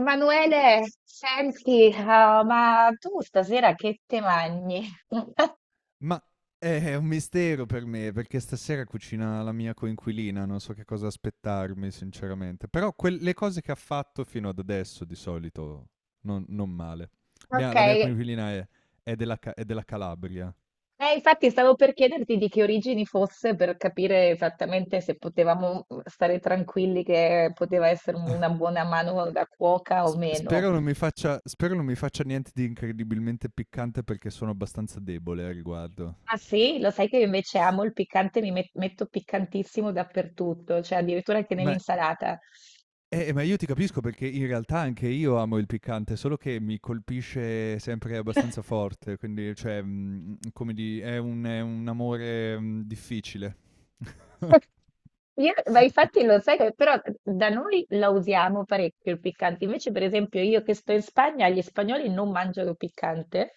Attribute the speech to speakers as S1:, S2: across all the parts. S1: Emanuele, senti, ma tu stasera che te mangi?
S2: Ma è un mistero per me, perché stasera cucina la mia coinquilina, non so che cosa aspettarmi sinceramente, però quel le cose che ha fatto fino ad adesso di solito non male. Mia
S1: Ok,
S2: la mia coinquilina è della Calabria.
S1: infatti stavo per chiederti di che origini fosse per capire esattamente se potevamo stare tranquilli che poteva essere una buona mano da cuoca o
S2: S
S1: meno.
S2: spero non mi faccia spero non mi faccia niente di incredibilmente piccante perché sono abbastanza debole a riguardo.
S1: Ah sì, lo sai che io invece amo il piccante, metto piccantissimo dappertutto, cioè addirittura anche
S2: Ma
S1: nell'insalata.
S2: ma io ti capisco perché in realtà anche io amo il piccante, solo che mi colpisce sempre abbastanza forte, quindi cioè, come di è un amore, difficile.
S1: Ma infatti lo sai che però da noi la usiamo parecchio il piccante, invece per esempio io che sto in Spagna, gli spagnoli non mangiano piccante,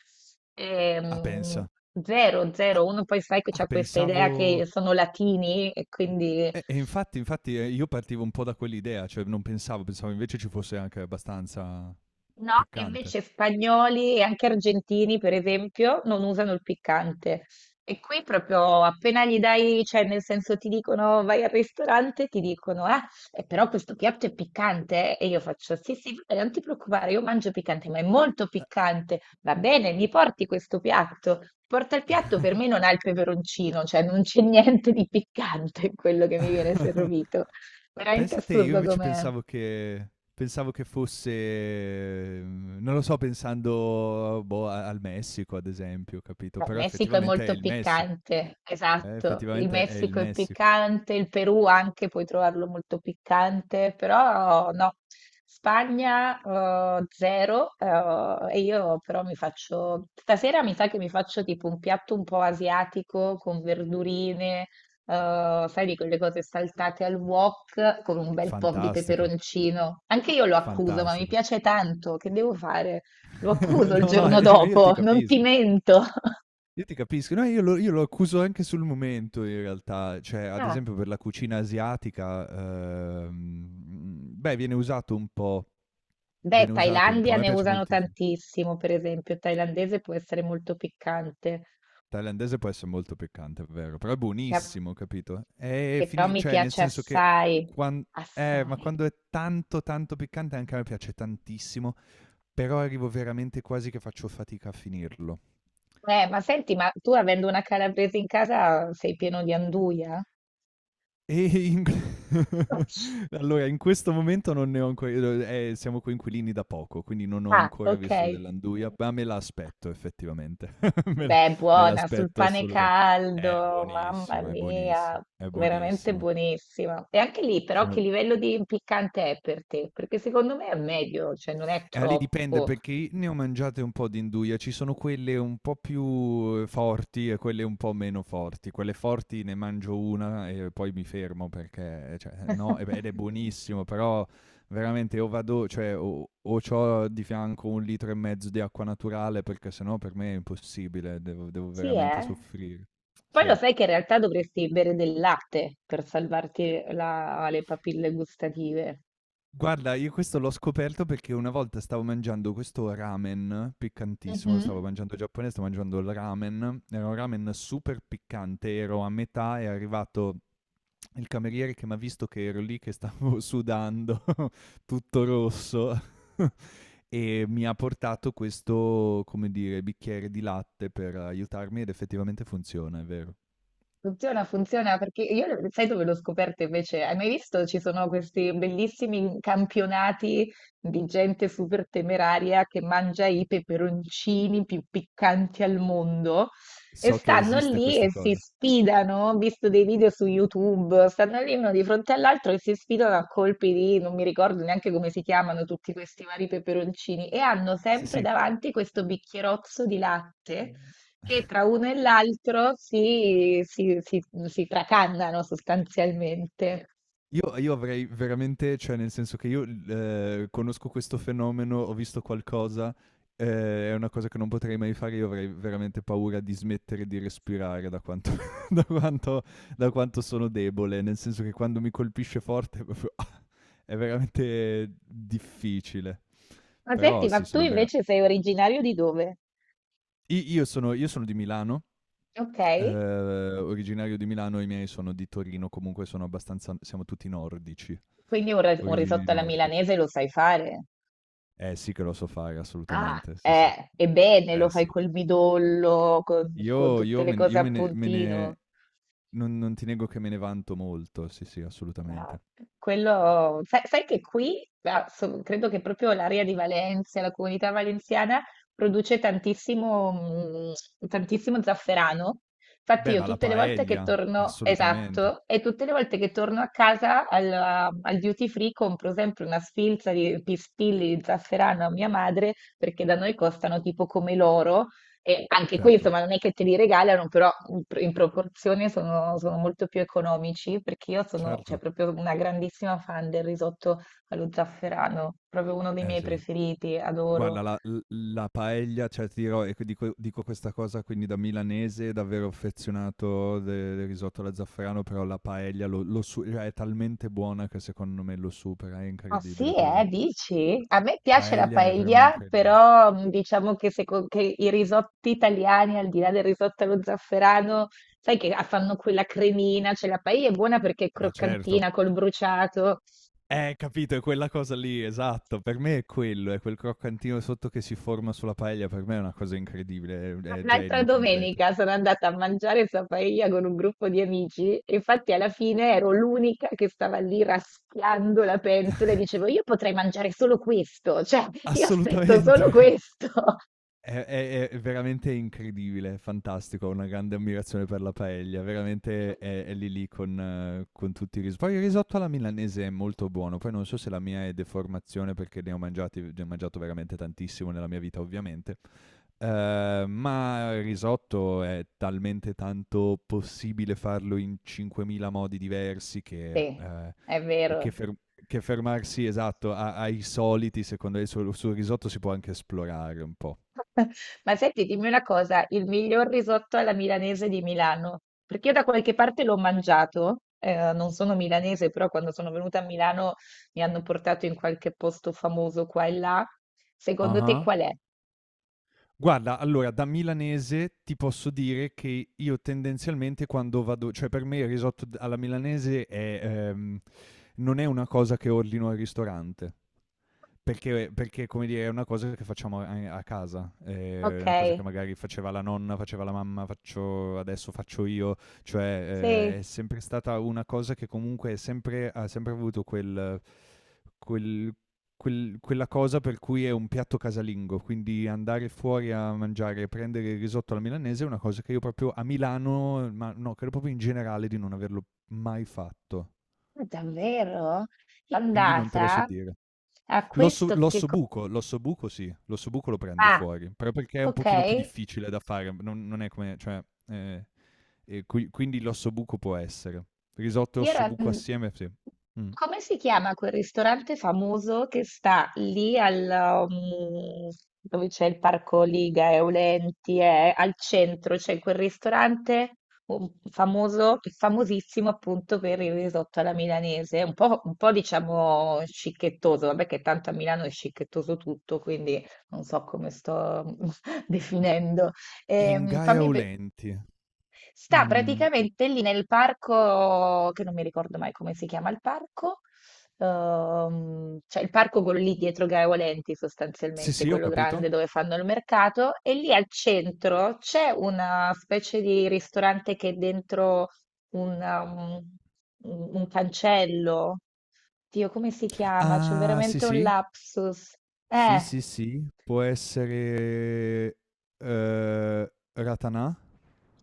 S2: Ah,
S1: ehm,
S2: pensa.
S1: zero,
S2: Ah,
S1: zero, uno poi sai che c'ha questa idea
S2: pensavo
S1: che sono latini e quindi.
S2: e infatti, io partivo un po' da quell'idea, cioè non pensavo invece ci fosse anche abbastanza
S1: No, e
S2: piccante.
S1: invece spagnoli e anche argentini, per esempio, non usano il piccante. E qui proprio appena gli dai, cioè nel senso ti dicono vai al ristorante, ti dicono, ah, però questo piatto è piccante, eh?" E io faccio, sì, sì, vabbè, non ti preoccupare, io mangio piccante, ma è molto piccante. Va bene, mi porti questo piatto. Porta il piatto, per me non ha il peperoncino, cioè non c'è niente di piccante in quello che
S2: Eh.
S1: mi viene servito. Veramente
S2: Pensa te, io
S1: assurdo
S2: invece
S1: com'è.
S2: pensavo che fosse, non lo so, pensando, boh, al Messico, ad esempio, capito?
S1: Beh, il
S2: Però
S1: Messico è
S2: effettivamente è
S1: molto
S2: il Messico.
S1: piccante, esatto. Il
S2: Effettivamente è il
S1: Messico è
S2: Messico.
S1: piccante, il Perù anche puoi trovarlo molto piccante, però no. Spagna zero e io però mi faccio, stasera mi sa che mi faccio tipo un piatto un po' asiatico con verdurine, sai di quelle cose saltate al wok con un bel po' di
S2: Fantastico,
S1: peperoncino. Anche io lo accuso, ma mi
S2: fantastico.
S1: piace tanto, che devo fare? Lo accuso il
S2: No, no,
S1: giorno
S2: io ti
S1: dopo, non ti
S2: capisco.
S1: mento.
S2: Io ti capisco. No, io lo accuso anche sul momento, in realtà. Cioè, ad
S1: Ah,
S2: esempio, per la cucina asiatica, beh, viene usato un po'.
S1: beh,
S2: Viene usato un po'. A
S1: Thailandia
S2: me
S1: ne
S2: piace
S1: usano
S2: moltissimo.
S1: tantissimo, per esempio, il thailandese può essere molto piccante,
S2: Thailandese può essere molto piccante, è vero, però è
S1: che, a-
S2: buonissimo, capito?
S1: che però mi
S2: Cioè, nel
S1: piace
S2: senso che
S1: assai,
S2: quan- ma
S1: assai.
S2: quando è tanto, tanto piccante, anche a me piace tantissimo, però arrivo veramente quasi che faccio fatica a finirlo.
S1: Ma senti, ma tu avendo una calabrese in casa sei pieno di anduja?
S2: E in- allora, in questo momento non ne ho ancora, siamo coinquilini da poco, quindi non ho
S1: Ah,
S2: ancora visto
S1: ok.
S2: dell'anduia, ma me la aspetto effettivamente. Me la-
S1: Beh,
S2: me
S1: buona, sul
S2: l'aspetto
S1: pane
S2: assolutamente. È
S1: caldo, mamma
S2: buonissima, è buonissima,
S1: mia,
S2: è
S1: veramente
S2: buonissima.
S1: buonissima. E anche lì, però, che
S2: Sono
S1: livello di piccante è per te? Perché secondo me è meglio, cioè non è
S2: Lì dipende
S1: troppo.
S2: perché ne ho mangiate un po' di induia, ci sono quelle un po' più forti e quelle un po' meno forti. Quelle forti ne mangio una e poi mi fermo perché, cioè, no, e beh, ed è buonissimo, però veramente o vado, cioè, o c'ho di fianco un litro e mezzo di acqua naturale perché sennò per me è impossibile, devo
S1: Sì,
S2: veramente
S1: eh.
S2: soffrire.
S1: Poi lo
S2: Sì.
S1: sai che in realtà dovresti bere del latte per salvarti le papille gustative.
S2: Guarda, io questo l'ho scoperto perché una volta stavo mangiando questo ramen piccantissimo, stavo
S1: Mhm.
S2: mangiando giapponese, stavo mangiando il ramen, era un ramen super piccante, ero a metà, e è arrivato il cameriere che mi ha visto che ero lì che stavo sudando, tutto rosso, e mi ha portato questo, come dire, bicchiere di latte per aiutarmi ed effettivamente funziona, è vero.
S1: Funziona, funziona perché sai dove l'ho scoperto invece? Hai mai visto? Ci sono questi bellissimi campionati di gente super temeraria che mangia i peperoncini più piccanti al mondo e
S2: So che
S1: stanno
S2: esiste
S1: lì
S2: questa
S1: e si
S2: cosa.
S1: sfidano. Ho visto dei video su YouTube, stanno lì uno di fronte all'altro e si sfidano a colpi di, non mi ricordo neanche come si chiamano tutti questi vari peperoncini e hanno
S2: Sì,
S1: sempre
S2: sì.
S1: davanti questo bicchierozzo di latte che tra uno e l'altro si tracannano sostanzialmente.
S2: Io avrei veramente, cioè nel senso che io l conosco questo fenomeno, ho visto qualcosa, ehm, è una cosa che non potrei mai fare, io avrei veramente paura di smettere di respirare da quanto da quanto da quanto sono debole, nel senso che quando mi colpisce forte proprio è veramente difficile.
S1: Ma
S2: Però
S1: senti, ma
S2: sì,
S1: tu
S2: sono vera
S1: invece sei originario di dove?
S2: i io sono di Milano,
S1: Ok,
S2: originario di Milano, i miei sono di Torino, comunque sono abbastanza siamo tutti nordici,
S1: quindi un
S2: origini
S1: risotto alla
S2: nordiche.
S1: milanese lo sai fare?
S2: Eh sì che lo so fare
S1: Ah,
S2: assolutamente, sì, sì.
S1: ebbene, lo
S2: Eh
S1: fai
S2: sì.
S1: col midollo, con tutte le cose
S2: Io
S1: a
S2: me ne
S1: puntino.
S2: non non ti nego che me ne vanto molto, sì, sì,
S1: Ah,
S2: assolutamente.
S1: quello, sai, sai che qui, ah, credo che proprio l'area di Valencia, la comunità valenziana, produce tantissimo, tantissimo zafferano. Infatti
S2: Beh,
S1: io
S2: ma la
S1: tutte le volte che
S2: paella,
S1: torno,
S2: assolutamente.
S1: esatto, e tutte le volte che torno a casa al duty free compro sempre una sfilza di pistilli di zafferano a mia madre, perché da noi costano tipo come l'oro e anche qui,
S2: Certo,
S1: insomma, non è che te li regalano, però in proporzione sono, sono molto più economici, perché io sono, cioè,
S2: certo.
S1: proprio una grandissima fan del risotto allo zafferano, proprio uno dei
S2: Eh
S1: miei
S2: sì.
S1: preferiti, adoro.
S2: Guarda, la paella, cioè ti dirò, e qui dico questa cosa, quindi da milanese davvero affezionato de del risotto alla zafferano, però la paella lo lo su cioè è talmente buona che secondo me lo supera, è
S1: Ah sì,
S2: incredibile per me.
S1: dici? A me piace la
S2: Paella è per me
S1: paella,
S2: incredibile.
S1: però diciamo che, che i risotti italiani, al di là del risotto allo zafferano, sai che fanno quella cremina, cioè la paella è buona perché è
S2: Ma certo.
S1: croccantina col bruciato.
S2: Capito, è quella cosa lì, esatto. Per me è quello, è quel croccantino sotto che si forma sulla paella. Per me è una cosa incredibile, è
S1: L'altra
S2: genio completo.
S1: domenica sono andata a mangiare paella con un gruppo di amici e infatti alla fine ero l'unica che stava lì raschiando la pentola e dicevo io potrei mangiare solo questo, cioè io aspetto
S2: Assolutamente.
S1: solo questo.
S2: È veramente incredibile, fantastico. Ho una grande ammirazione per la paella. Veramente è lì lì con tutti i risotti. Poi il risotto alla milanese è molto buono. Poi non so se la mia è deformazione perché ne ho mangiati, ne ho mangiato veramente tantissimo nella mia vita, ovviamente. Ma il risotto è talmente tanto possibile farlo in 5.000 modi diversi
S1: Sì, è
S2: che
S1: vero.
S2: fer che fermarsi, esatto, a ai soliti, secondo me sul risotto si può anche esplorare un po'.
S1: Ma senti, dimmi una cosa, il miglior risotto alla milanese di Milano, perché io da qualche parte l'ho mangiato, non sono milanese, però quando sono venuta a Milano mi hanno portato in qualche posto famoso qua e là. Secondo te
S2: Ah-ah.
S1: qual è?
S2: Guarda, allora da milanese ti posso dire che io tendenzialmente quando vado, cioè per me il risotto d alla milanese è, non è una cosa che ordino al ristorante. Perché, come dire, è una cosa che facciamo a casa, è
S1: Ok,
S2: una cosa che magari faceva la nonna, faceva la mamma, faccio adesso, faccio io, cioè è
S1: sì.
S2: sempre stata una cosa che comunque, è sempre, ha sempre avuto quel- quella cosa per cui è un piatto casalingo, quindi andare fuori a mangiare, prendere il risotto alla milanese è una cosa che io proprio a Milano, ma no, credo proprio in generale di non averlo mai fatto,
S1: Ma davvero?
S2: quindi non te lo so
S1: L'andata
S2: dire.
S1: a
S2: L'osso
S1: questo che... co-
S2: l'ossobuco, l'ossobuco sì, l'ossobuco lo prendo
S1: Ah,
S2: fuori, però perché è un
S1: ok.
S2: pochino più difficile da fare, non è come, cioè, ehm, e qui quindi l'ossobuco può essere. Risotto e
S1: Io
S2: ossobuco assieme, sì. Mh.
S1: come si chiama quel ristorante famoso che sta lì al, dove c'è il parco Liga Eulenti, al centro, c'è quel ristorante famoso, famosissimo appunto per il risotto alla milanese, un po' diciamo scicchettoso, vabbè che tanto a Milano è scicchettoso tutto, quindi non so come sto definendo. Ehm, fammi, pe-
S2: Ingaeolenti.
S1: Sta
S2: Mhmm,
S1: praticamente lì nel parco, che non mi ricordo mai come si chiama il parco, cioè il parco quello lì dietro Gaia Volenti
S2: sì,
S1: sostanzialmente,
S2: sì, ho
S1: quello
S2: capito.
S1: grande dove fanno il mercato, e lì al centro c'è una specie di ristorante che è dentro un, um, un cancello. Dio, come si chiama? C'ho
S2: Ah, sì,
S1: veramente un
S2: sì.
S1: lapsus.
S2: Sì,
S1: Eh.
S2: sì, sì, può essere, ehm, ratanà?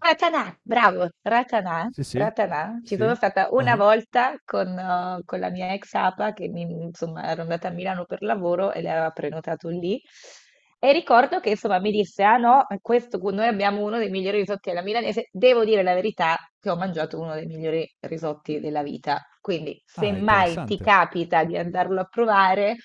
S1: Ratanà, bravo, Ratanà,
S2: Sì, sì,
S1: Ratanà. Ci
S2: sì.
S1: sono stata una
S2: Ah-ah.
S1: volta con la mia ex APA insomma, ero andata a Milano per lavoro e le aveva prenotato lì. E ricordo che insomma mi disse: Ah no, questo, noi abbiamo uno dei migliori risotti alla milanese. Devo dire la verità che ho mangiato uno dei migliori risotti della vita. Quindi, se
S2: Ah,
S1: mai ti
S2: interessante.
S1: capita di andarlo a provare,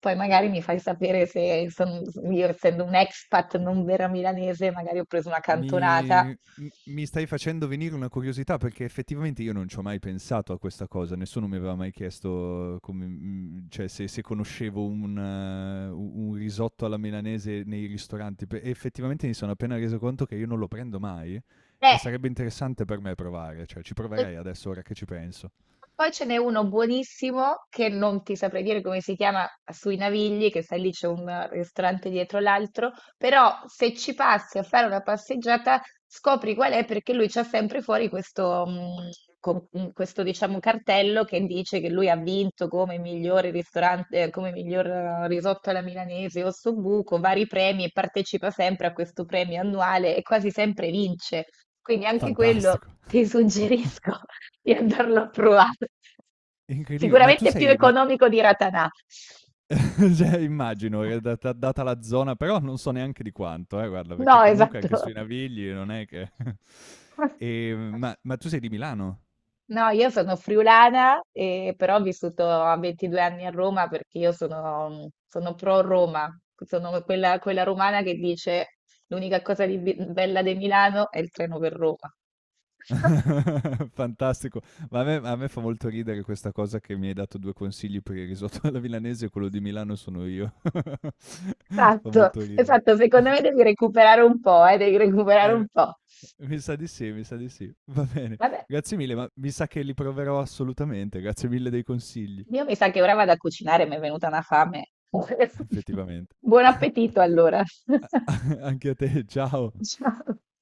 S1: poi magari mi fai sapere se son- io, essendo un expat non vera milanese, magari ho preso una cantonata.
S2: Mi mi stai facendo venire una curiosità, perché effettivamente io non c'ho mai pensato a questa cosa, nessuno mi aveva mai chiesto come, cioè se conoscevo un risotto alla milanese nei ristoranti, pe e effettivamente mi sono appena reso conto che io non lo prendo mai e
S1: Eh,
S2: sarebbe interessante per me provare, cioè ci
S1: e
S2: proverei adesso ora che ci penso.
S1: poi ce n'è uno buonissimo che non ti saprei dire come si chiama sui Navigli, che sai lì c'è un ristorante dietro l'altro, però se ci passi a fare una passeggiata scopri qual è perché lui c'ha sempre fuori questo, questo diciamo cartello che dice che lui ha vinto come migliore ristorante, come miglior risotto alla milanese o buco vari premi e partecipa sempre a questo premio annuale e quasi sempre vince. Quindi anche quello
S2: Fantastico,
S1: ti suggerisco di andarlo a provare.
S2: incredibile. Ma tu
S1: Sicuramente è più
S2: sei ma
S1: economico di Ratanà.
S2: Cioè immagino, data la zona, però non so neanche di quanto, guarda, perché
S1: No,
S2: comunque anche sui
S1: esatto.
S2: Navigli non è che... E, ma tu sei di Milano?
S1: No, io sono friulana, però ho vissuto a 22 anni a Roma perché io sono, sono pro Roma, sono quella, quella romana che dice l'unica cosa di bella di Milano è il treno per Roma.
S2: Fantastico, ma a me fa molto ridere questa cosa che mi hai dato due consigli per il risotto alla milanese e quello di Milano sono io. Fa
S1: Esatto,
S2: molto ridere.
S1: esatto, secondo me devi recuperare un po', devi recuperare un
S2: Eh,
S1: po'.
S2: mi sa di sì, mi sa di sì. Va bene,
S1: Vabbè,
S2: grazie mille, ma mi sa che li proverò assolutamente. Grazie mille dei consigli,
S1: io mi sa che ora vado a cucinare, mi è venuta una fame.
S2: effettivamente.
S1: Buon appetito allora.
S2: Anche a te, ciao.
S1: Ciao.